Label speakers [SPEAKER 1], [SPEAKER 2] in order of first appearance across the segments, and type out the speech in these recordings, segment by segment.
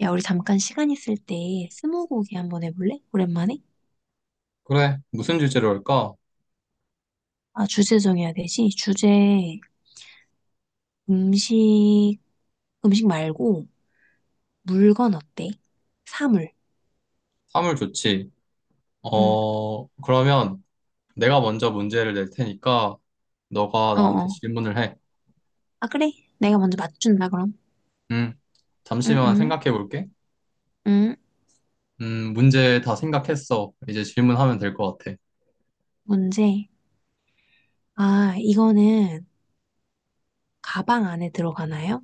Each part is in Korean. [SPEAKER 1] 야, 우리 잠깐 시간 있을 때 스무고개 한번 해볼래? 오랜만에?
[SPEAKER 2] 그래, 무슨 주제로 할까?
[SPEAKER 1] 아, 주제 정해야 되지? 주제 음식, 음식 말고 물건 어때? 사물.
[SPEAKER 2] 사물 좋지.
[SPEAKER 1] 응,
[SPEAKER 2] 그러면 내가 먼저 문제를 낼 테니까 너가 나한테
[SPEAKER 1] 어어.
[SPEAKER 2] 질문을 해.
[SPEAKER 1] 아, 그래? 내가 먼저 맞춘다, 그럼.
[SPEAKER 2] 음,
[SPEAKER 1] 응,
[SPEAKER 2] 잠시만
[SPEAKER 1] 응,
[SPEAKER 2] 생각해 볼게.
[SPEAKER 1] 응.
[SPEAKER 2] 문제 다 생각했어. 이제 질문하면 될 것 같아.
[SPEAKER 1] 문제. 아, 이거는 가방 안에 들어가나요?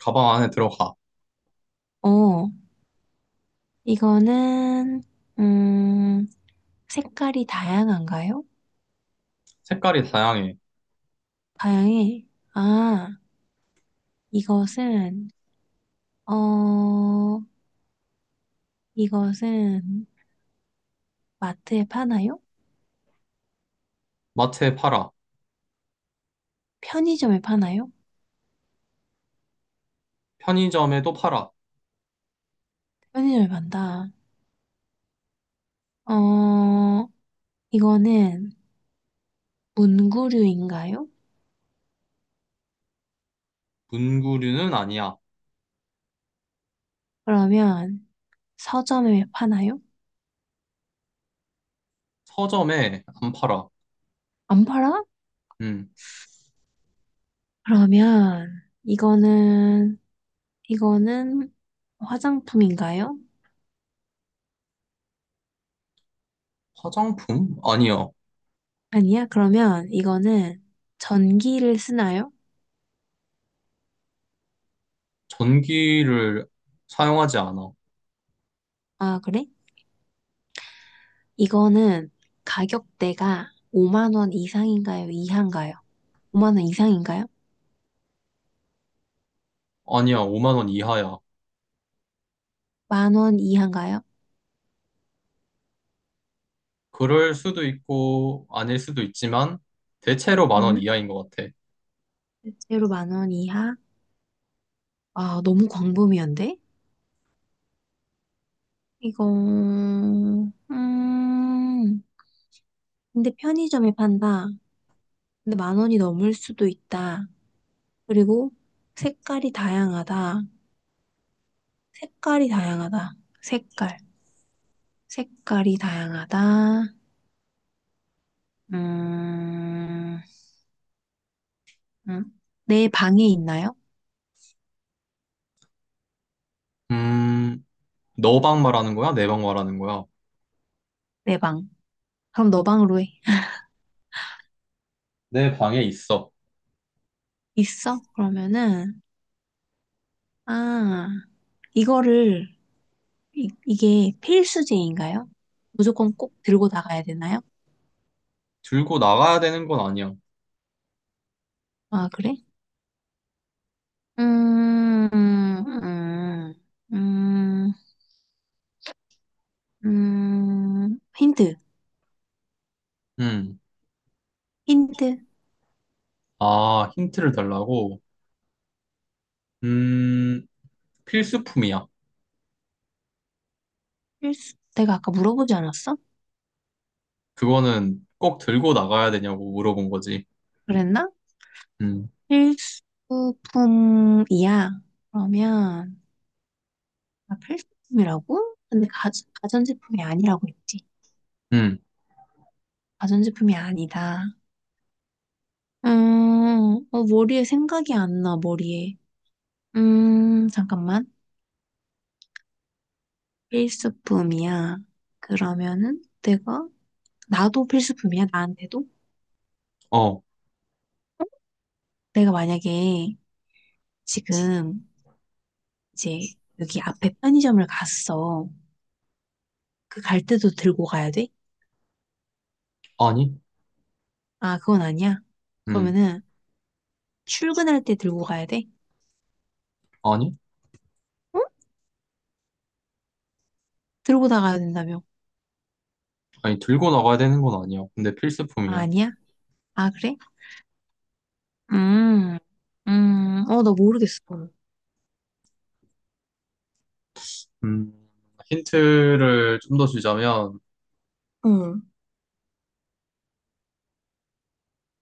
[SPEAKER 2] 가방 안에 들어가.
[SPEAKER 1] 어, 이거는, 음, 색깔이 다양한가요?
[SPEAKER 2] 색깔이 다양해.
[SPEAKER 1] 다양해. 아, 이것은, 어, 이것은 마트에 파나요?
[SPEAKER 2] 마트에 팔아.
[SPEAKER 1] 편의점에 파나요?
[SPEAKER 2] 편의점에도 팔아.
[SPEAKER 1] 편의점에 판다. 어, 이거는 문구류인가요?
[SPEAKER 2] 문구류는 아니야.
[SPEAKER 1] 그러면 서점에 파나요?
[SPEAKER 2] 서점에 안 팔아.
[SPEAKER 1] 안 팔아?
[SPEAKER 2] 음,
[SPEAKER 1] 그러면 이거는 화장품인가요?
[SPEAKER 2] 화장품? 아니야.
[SPEAKER 1] 아니야. 그러면 이거는 전기를 쓰나요?
[SPEAKER 2] 전기를 사용하지 않아.
[SPEAKER 1] 아, 그래? 이거는 가격대가 5만 원 이상인가요? 이하인가요? 5만 원 이상인가요?
[SPEAKER 2] 아니야, 5만 원 이하야.
[SPEAKER 1] 만원 이하인가요?
[SPEAKER 2] 그럴 수도 있고 아닐 수도 있지만 대체로 10,000원
[SPEAKER 1] 응?
[SPEAKER 2] 이하인 것 같아.
[SPEAKER 1] 실제로 만원 이하? 아, 너무 광범위한데? 이거, 음, 근데 편의점에 판다. 근데 만 원이 넘을 수도 있다. 그리고 색깔이 다양하다. 색깔이 다양하다. 색깔. 색깔이 다양하다. 음, 음. 내 방에 있나요?
[SPEAKER 2] 음, 너 방 말하는 거야? 내 방 말하는 거야?
[SPEAKER 1] 내 방. 그럼 너 방으로 해.
[SPEAKER 2] 내 방에 있어.
[SPEAKER 1] 있어? 그러면은, 아, 이거를 이게 필수제인가요? 무조건 꼭 들고 나가야 되나요?
[SPEAKER 2] 들고 나가야 되는 건 아니야.
[SPEAKER 1] 아, 그래? 음, 음, 음, 힌트,
[SPEAKER 2] 음,
[SPEAKER 1] 힌트.
[SPEAKER 2] 아, 힌트를 달라고? 음, 필수품이야.
[SPEAKER 1] 필수, 내가 아까 물어보지 않았어?
[SPEAKER 2] 그거는 꼭 들고 나가야 되냐고 물어본 거지.
[SPEAKER 1] 그랬나?
[SPEAKER 2] 음,
[SPEAKER 1] 필수품이야. 그러면, 아, 필수품이라고? 근데 가전제품이 아니라고 했지.
[SPEAKER 2] 음,
[SPEAKER 1] 가전제품이 아니다. 머리에 생각이 안 나, 머리에. 잠깐만. 필수품이야. 그러면은 내가 나도 필수품이야. 나한테도
[SPEAKER 2] 어,
[SPEAKER 1] 내가 만약에 지금 이제 여기 앞에 편의점을 갔어. 그 갈 때도 들고 가야 돼?
[SPEAKER 2] 아니?
[SPEAKER 1] 아, 그건 아니야.
[SPEAKER 2] 음,
[SPEAKER 1] 그러면은 출근할 때 들고 가야 돼?
[SPEAKER 2] 아니?
[SPEAKER 1] 응? 들고 나가야 된다며?
[SPEAKER 2] 아니, 들고 나가야 되는 건 아니야. 근데
[SPEAKER 1] 아,
[SPEAKER 2] 필수품이야.
[SPEAKER 1] 아니야? 아, 그래? 음, 나 모르겠어.
[SPEAKER 2] 음, 힌트를 좀 더 주자면,
[SPEAKER 1] 응.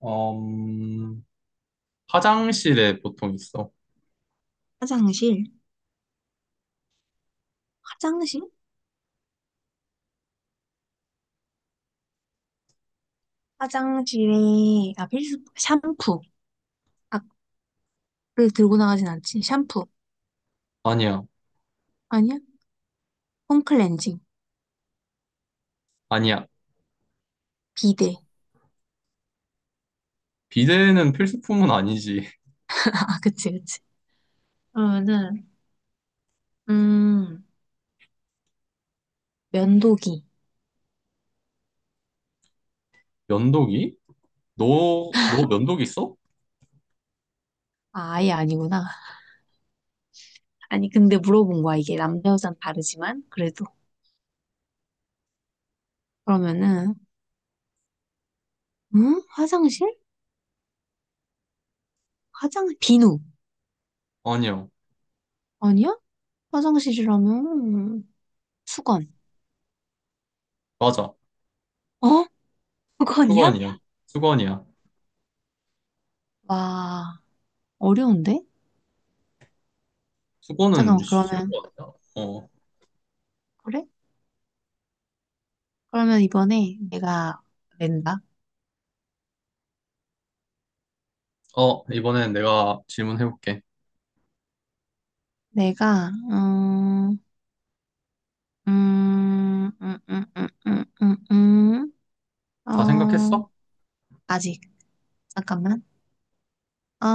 [SPEAKER 2] 음, 화장실에 보통 있어.
[SPEAKER 1] 화장실, 화장실? 화장실에, 아, 필수, 샴푸. 아, 그 들고 나가진 않지. 샴푸.
[SPEAKER 2] 아니야,
[SPEAKER 1] 아니야? 폼클렌징,
[SPEAKER 2] 아니야.
[SPEAKER 1] 비데.
[SPEAKER 2] 비데는 필수품은 아니지.
[SPEAKER 1] 아, 그치, 그치. 그러면은, 음, 면도기.
[SPEAKER 2] 면도기? 너 면도기 있어?
[SPEAKER 1] 아, 아예 아니구나. 아니, 근데 물어본 거야. 이게 남자, 여자는 다르지만, 그래도. 그러면은, 음? 화장실? 화장, 비누.
[SPEAKER 2] 아니야.
[SPEAKER 1] 아니야? 화장실이라면, 수건.
[SPEAKER 2] 맞아.
[SPEAKER 1] 어? 수건이야?
[SPEAKER 2] 수건이야. 수건이야.
[SPEAKER 1] 와, 어려운데?
[SPEAKER 2] 수건은
[SPEAKER 1] 잠깐만,
[SPEAKER 2] 쉬운
[SPEAKER 1] 그러면,
[SPEAKER 2] 거 같다. 어.
[SPEAKER 1] 그래? 그러면 이번에 내가 낸다.
[SPEAKER 2] 이번엔 내가 질문해볼게.
[SPEAKER 1] 내가, 음, 음, 음, 음, 음, 음, 음. 음.
[SPEAKER 2] 다
[SPEAKER 1] 어,
[SPEAKER 2] 생각했어?
[SPEAKER 1] 아직. 잠깐만. 어,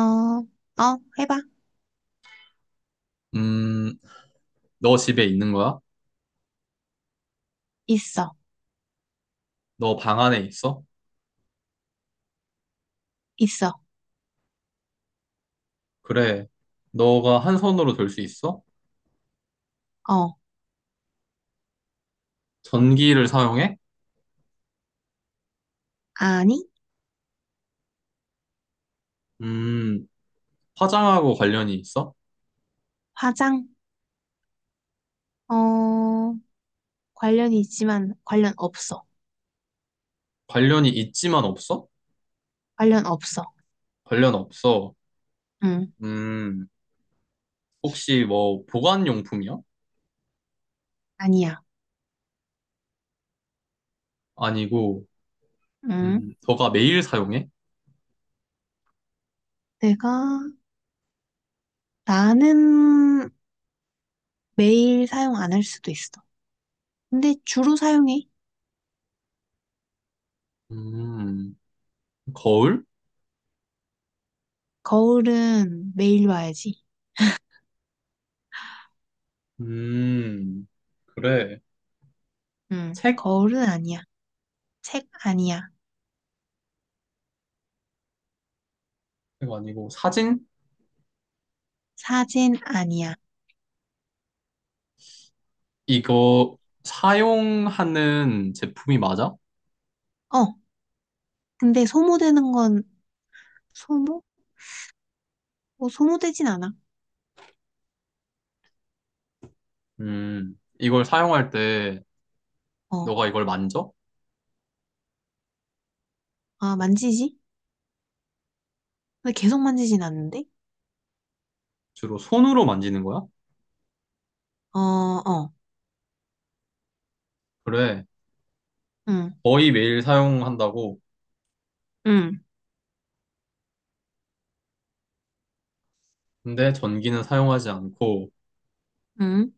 [SPEAKER 1] 어, 해봐.
[SPEAKER 2] 음, 너 집에 있는 거야?
[SPEAKER 1] 있어.
[SPEAKER 2] 너 방 안에 있어?
[SPEAKER 1] 있어.
[SPEAKER 2] 그래. 너가 한 손으로 들 수 있어?
[SPEAKER 1] 어,
[SPEAKER 2] 전기를 사용해?
[SPEAKER 1] 아니,
[SPEAKER 2] 음, 화장하고 관련이 있어?
[SPEAKER 1] 화장. 어, 관련이 있지만 관련 없어.
[SPEAKER 2] 관련이 있지만 없어?
[SPEAKER 1] 관련 없어.
[SPEAKER 2] 관련 없어.
[SPEAKER 1] 응,
[SPEAKER 2] 음, 혹시 뭐 보관용품이야?
[SPEAKER 1] 아니야.
[SPEAKER 2] 아니고,
[SPEAKER 1] 응,
[SPEAKER 2] 너가 매일 사용해?
[SPEAKER 1] 내가, 나는 매일 사용 안 할 수도 있어. 근데 주로 사용해.
[SPEAKER 2] 음, 거울?
[SPEAKER 1] 거울은 매일 봐야지.
[SPEAKER 2] 음, 그래.
[SPEAKER 1] 응,
[SPEAKER 2] 책?
[SPEAKER 1] 거울은 아니야. 책 아니야.
[SPEAKER 2] 이거 아니고 사진?
[SPEAKER 1] 사진 아니야.
[SPEAKER 2] 이거 사용하는 제품이 맞아?
[SPEAKER 1] 어, 근데 소모되는 건 소모? 소모되진 않아.
[SPEAKER 2] 이걸 사용할 때
[SPEAKER 1] 어,
[SPEAKER 2] 너가 이걸 만져?
[SPEAKER 1] 만지지? 근데 계속 만지진 않는데?
[SPEAKER 2] 주로 손으로 만지는 거야?
[SPEAKER 1] 어, 어,
[SPEAKER 2] 그래.
[SPEAKER 1] 응,
[SPEAKER 2] 거의 매일 사용한다고.
[SPEAKER 1] 응,
[SPEAKER 2] 근데 전기는 사용하지 않고
[SPEAKER 1] 응,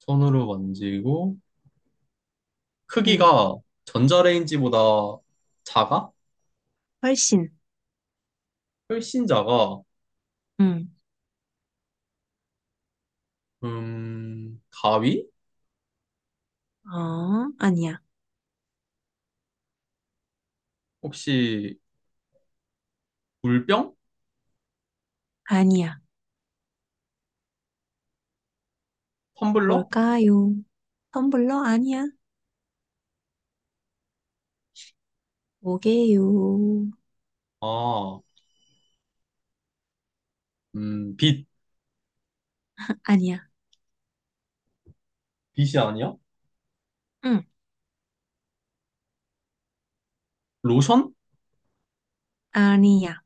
[SPEAKER 2] 손으로 만지고
[SPEAKER 1] 응.
[SPEAKER 2] 크기가 전자레인지보다 작아?
[SPEAKER 1] 훨씬,
[SPEAKER 2] 혈신자가
[SPEAKER 1] 응.
[SPEAKER 2] 가위?
[SPEAKER 1] 아니야.
[SPEAKER 2] 혹시 물병?
[SPEAKER 1] 아니야.
[SPEAKER 2] 텀블러?
[SPEAKER 1] 뭘까요? 텀블러 아니야. 뭐게요?
[SPEAKER 2] 아, 빛.
[SPEAKER 1] 아니야.
[SPEAKER 2] 빛이 아니야?
[SPEAKER 1] 응,
[SPEAKER 2] 로션?
[SPEAKER 1] 아니야.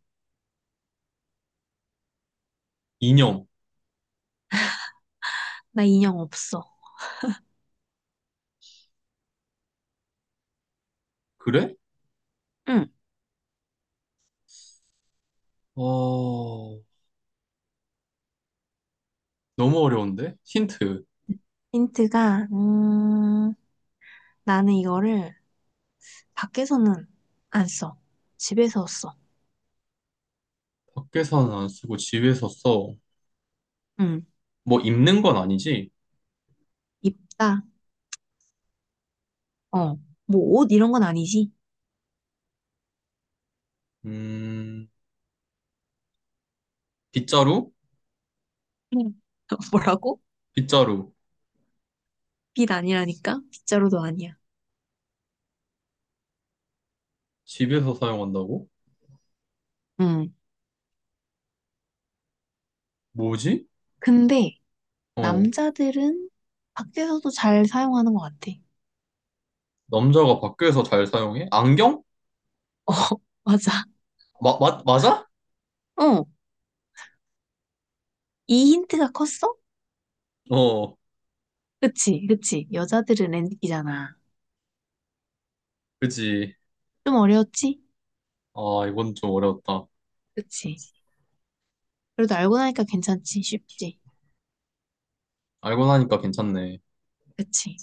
[SPEAKER 2] 이념.
[SPEAKER 1] 나 인형 없어.
[SPEAKER 2] 그래?
[SPEAKER 1] 응.
[SPEAKER 2] 어, 너무 어려운데? 힌트.
[SPEAKER 1] 힌트가, 나는 이거를 밖에서는 안 써. 집에서 써.
[SPEAKER 2] 밖에서는 안 쓰고 집에서 써.
[SPEAKER 1] 응.
[SPEAKER 2] 뭐 입는 건 아니지?
[SPEAKER 1] 입다. 어. 뭐 옷 이런 건 아니지?
[SPEAKER 2] 음, 빗자루?
[SPEAKER 1] 응. 뭐라고?
[SPEAKER 2] 빗자루.
[SPEAKER 1] 빛 아니라니까? 빗자루도 아니야.
[SPEAKER 2] 집에서 사용한다고?
[SPEAKER 1] 응.
[SPEAKER 2] 뭐지?
[SPEAKER 1] 근데
[SPEAKER 2] 어,
[SPEAKER 1] 남자들은 밖에서도 잘 사용하는 것 같아.
[SPEAKER 2] 남자가 밖에서 잘 사용해? 안경?
[SPEAKER 1] 어, 맞아.
[SPEAKER 2] 맞아?
[SPEAKER 1] 어, 이 힌트가 컸어?
[SPEAKER 2] 어,
[SPEAKER 1] 그치, 그치. 여자들은 엔딩이잖아.
[SPEAKER 2] 그지.
[SPEAKER 1] 좀 어려웠지?
[SPEAKER 2] 아, 이건 좀 어려웠다.
[SPEAKER 1] 그치. 그래도 알고 나니까 괜찮지, 쉽지.
[SPEAKER 2] 알고 나니까 괜찮네.
[SPEAKER 1] 그치.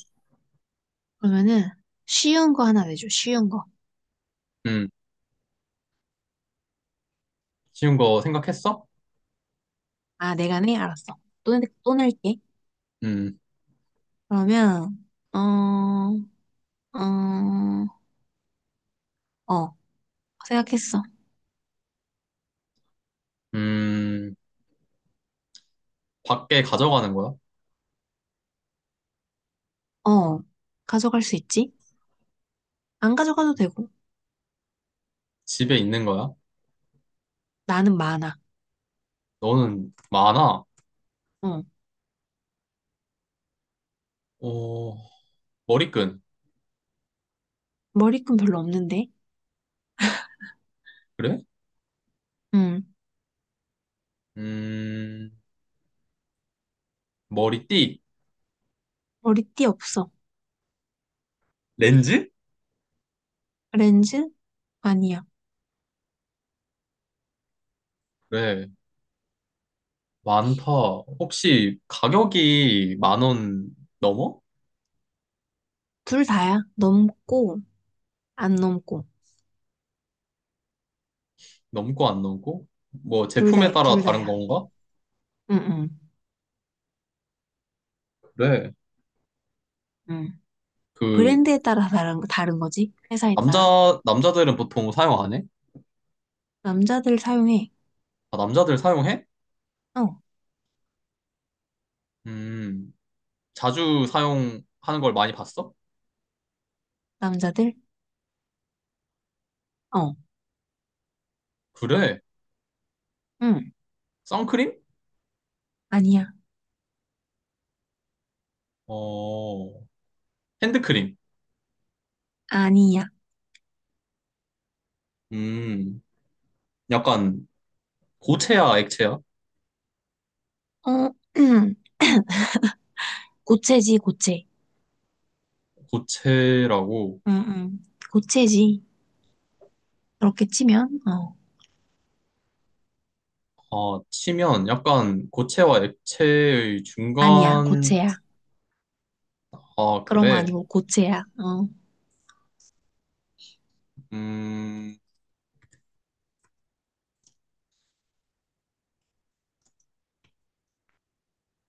[SPEAKER 1] 그러면은 쉬운 거 하나 내줘, 쉬운 거.
[SPEAKER 2] 음, 쉬운 거 생각했어?
[SPEAKER 1] 아, 내가 내? 알았어. 또 낼게.
[SPEAKER 2] 음,
[SPEAKER 1] 그러면, 어, 어, 어, 생각했어.
[SPEAKER 2] 음, 밖에 가져가는 거야?
[SPEAKER 1] 어, 가져갈 수 있지? 안 가져가도 되고.
[SPEAKER 2] 집에 있는 거야?
[SPEAKER 1] 나는 많아.
[SPEAKER 2] 너는 많아?
[SPEAKER 1] 어.
[SPEAKER 2] 어, 머리끈.
[SPEAKER 1] 머리끈 별로 없는데.
[SPEAKER 2] 그래?
[SPEAKER 1] 응.
[SPEAKER 2] 음, 머리띠.
[SPEAKER 1] 머리띠 없어.
[SPEAKER 2] 렌즈?
[SPEAKER 1] 렌즈? 아니야.
[SPEAKER 2] 그래, 많다. 혹시 가격이 10,000원 넘어?
[SPEAKER 1] 둘 다야. 넘고, 안 넘고.
[SPEAKER 2] 넘고 안 넘고? 뭐
[SPEAKER 1] 둘
[SPEAKER 2] 제품에
[SPEAKER 1] 다,
[SPEAKER 2] 따라
[SPEAKER 1] 둘
[SPEAKER 2] 다른
[SPEAKER 1] 다야.
[SPEAKER 2] 건가?
[SPEAKER 1] 응, 응,
[SPEAKER 2] 그래,
[SPEAKER 1] 응.
[SPEAKER 2] 그,
[SPEAKER 1] 브랜드에 따라 다른 거지. 회사에 따라.
[SPEAKER 2] 남자들은 보통 사용 안 해?
[SPEAKER 1] 남자들 사용해.
[SPEAKER 2] 아, 남자들 사용해?
[SPEAKER 1] 어.
[SPEAKER 2] 음. 자주 사용하는 걸 많이 봤어?
[SPEAKER 1] 남자들? 어.
[SPEAKER 2] 그래.
[SPEAKER 1] 응.
[SPEAKER 2] 선크림?
[SPEAKER 1] 아니야.
[SPEAKER 2] 어, 핸드크림.
[SPEAKER 1] 아니야.
[SPEAKER 2] 음, 약간 고체야, 액체야?
[SPEAKER 1] 어. 고체지, 고체.
[SPEAKER 2] 고체라고
[SPEAKER 1] 응, 응. 고체지. 그렇게 치면, 어.
[SPEAKER 2] 아, 치면 약간 고체와 액체의
[SPEAKER 1] 아니야.
[SPEAKER 2] 중간,
[SPEAKER 1] 고체야.
[SPEAKER 2] 아,
[SPEAKER 1] 그런 거
[SPEAKER 2] 그래.
[SPEAKER 1] 아니고 고체야. 어.
[SPEAKER 2] 음,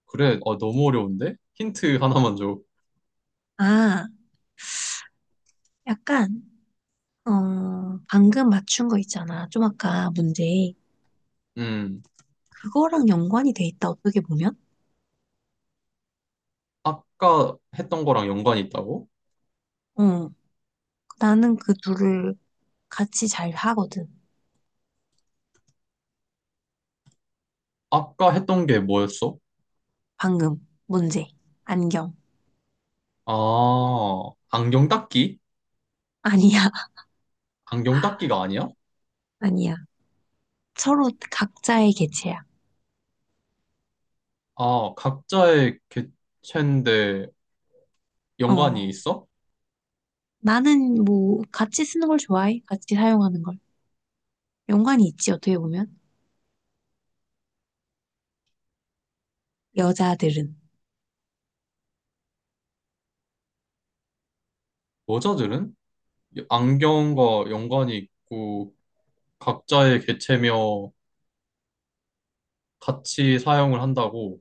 [SPEAKER 2] 그래. 아, 너무 어려운데? 힌트 하나만 줘.
[SPEAKER 1] 아. 약간, 방금 맞춘 거 있잖아. 좀 아까 문제.
[SPEAKER 2] 음,
[SPEAKER 1] 그거랑 연관이 돼 있다, 어떻게 보면?
[SPEAKER 2] 아까 했던 거랑 연관이 있다고?
[SPEAKER 1] 어, 나는 그 둘을 같이 잘 하거든.
[SPEAKER 2] 아까 했던 게 뭐였어?
[SPEAKER 1] 방금, 문제. 안경.
[SPEAKER 2] 아, 안경 닦기?
[SPEAKER 1] 아니야,
[SPEAKER 2] 안경 닦기가 아니야?
[SPEAKER 1] 아니야. 서로 각자의 개체야.
[SPEAKER 2] 아, 각자의 개체인데
[SPEAKER 1] 어,
[SPEAKER 2] 연관이 있어?
[SPEAKER 1] 나는 뭐, 같이 쓰는 걸 좋아해. 같이 사용하는 걸. 연관이 있지, 어떻게 보면? 여자들은.
[SPEAKER 2] 여자들은? 안경과 연관이 있고 각자의 개체며 같이 사용을 한다고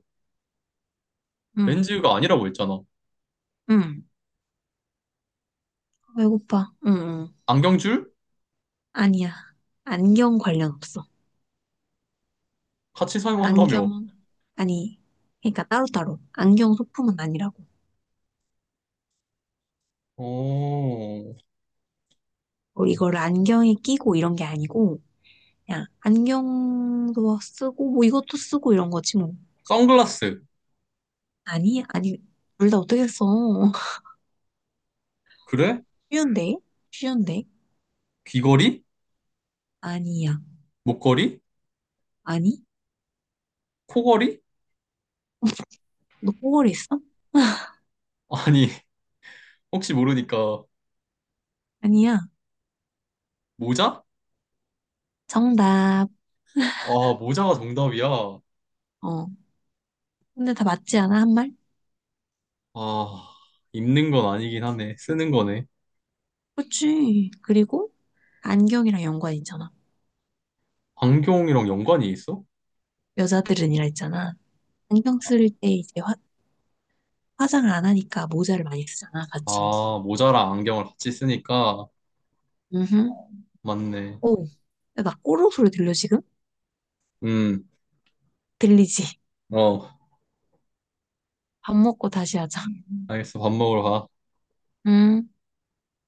[SPEAKER 1] 응,
[SPEAKER 2] 렌즈가 아니라고 했잖아.
[SPEAKER 1] 응. 배고파. 응, 응.
[SPEAKER 2] 안경줄?
[SPEAKER 1] 아니야. 안경 관련 없어.
[SPEAKER 2] 같이 사용한다며.
[SPEAKER 1] 안경, 아니, 그러니까 따로따로. 안경 소품은 아니라고.
[SPEAKER 2] 어,
[SPEAKER 1] 뭐 이걸 안경에 끼고 이런 게 아니고, 그냥 안경도 쓰고, 뭐 이것도 쓰고 이런 거지 뭐.
[SPEAKER 2] 선글라스.
[SPEAKER 1] 아니, 아니, 둘 다 어떻게 써?
[SPEAKER 2] 그래?
[SPEAKER 1] 쉬운데? 쉬운데?
[SPEAKER 2] 귀걸이?
[SPEAKER 1] 아니야.
[SPEAKER 2] 목걸이?
[SPEAKER 1] 아니?
[SPEAKER 2] 코걸이?
[SPEAKER 1] 너 꼬걸했어
[SPEAKER 2] 아니, 혹시 모르니까
[SPEAKER 1] 아니야.
[SPEAKER 2] 모자?
[SPEAKER 1] 정답.
[SPEAKER 2] 아, 모자가 정답이야.
[SPEAKER 1] 어. 근데 다 맞지 않아, 한 말?
[SPEAKER 2] 아, 입는 건 아니긴 하네. 쓰는 거네.
[SPEAKER 1] 그치. 그리고 안경이랑 연관 있잖아.
[SPEAKER 2] 안경이랑 연관이 있어?
[SPEAKER 1] 여자들은이라 했잖아. 안경 쓸 때 이제 화장을 안 하니까 모자를 많이 쓰잖아, 같이.
[SPEAKER 2] 아, 모자랑 안경을 같이 쓰니까
[SPEAKER 1] 음.
[SPEAKER 2] 맞네.
[SPEAKER 1] 오. 야, 나 꼬르륵 소리 들려, 지금?
[SPEAKER 2] 음,
[SPEAKER 1] 들리지?
[SPEAKER 2] 어,
[SPEAKER 1] 밥 먹고 다시 하자.
[SPEAKER 2] 알겠어. 밥 먹으러 가.
[SPEAKER 1] 음.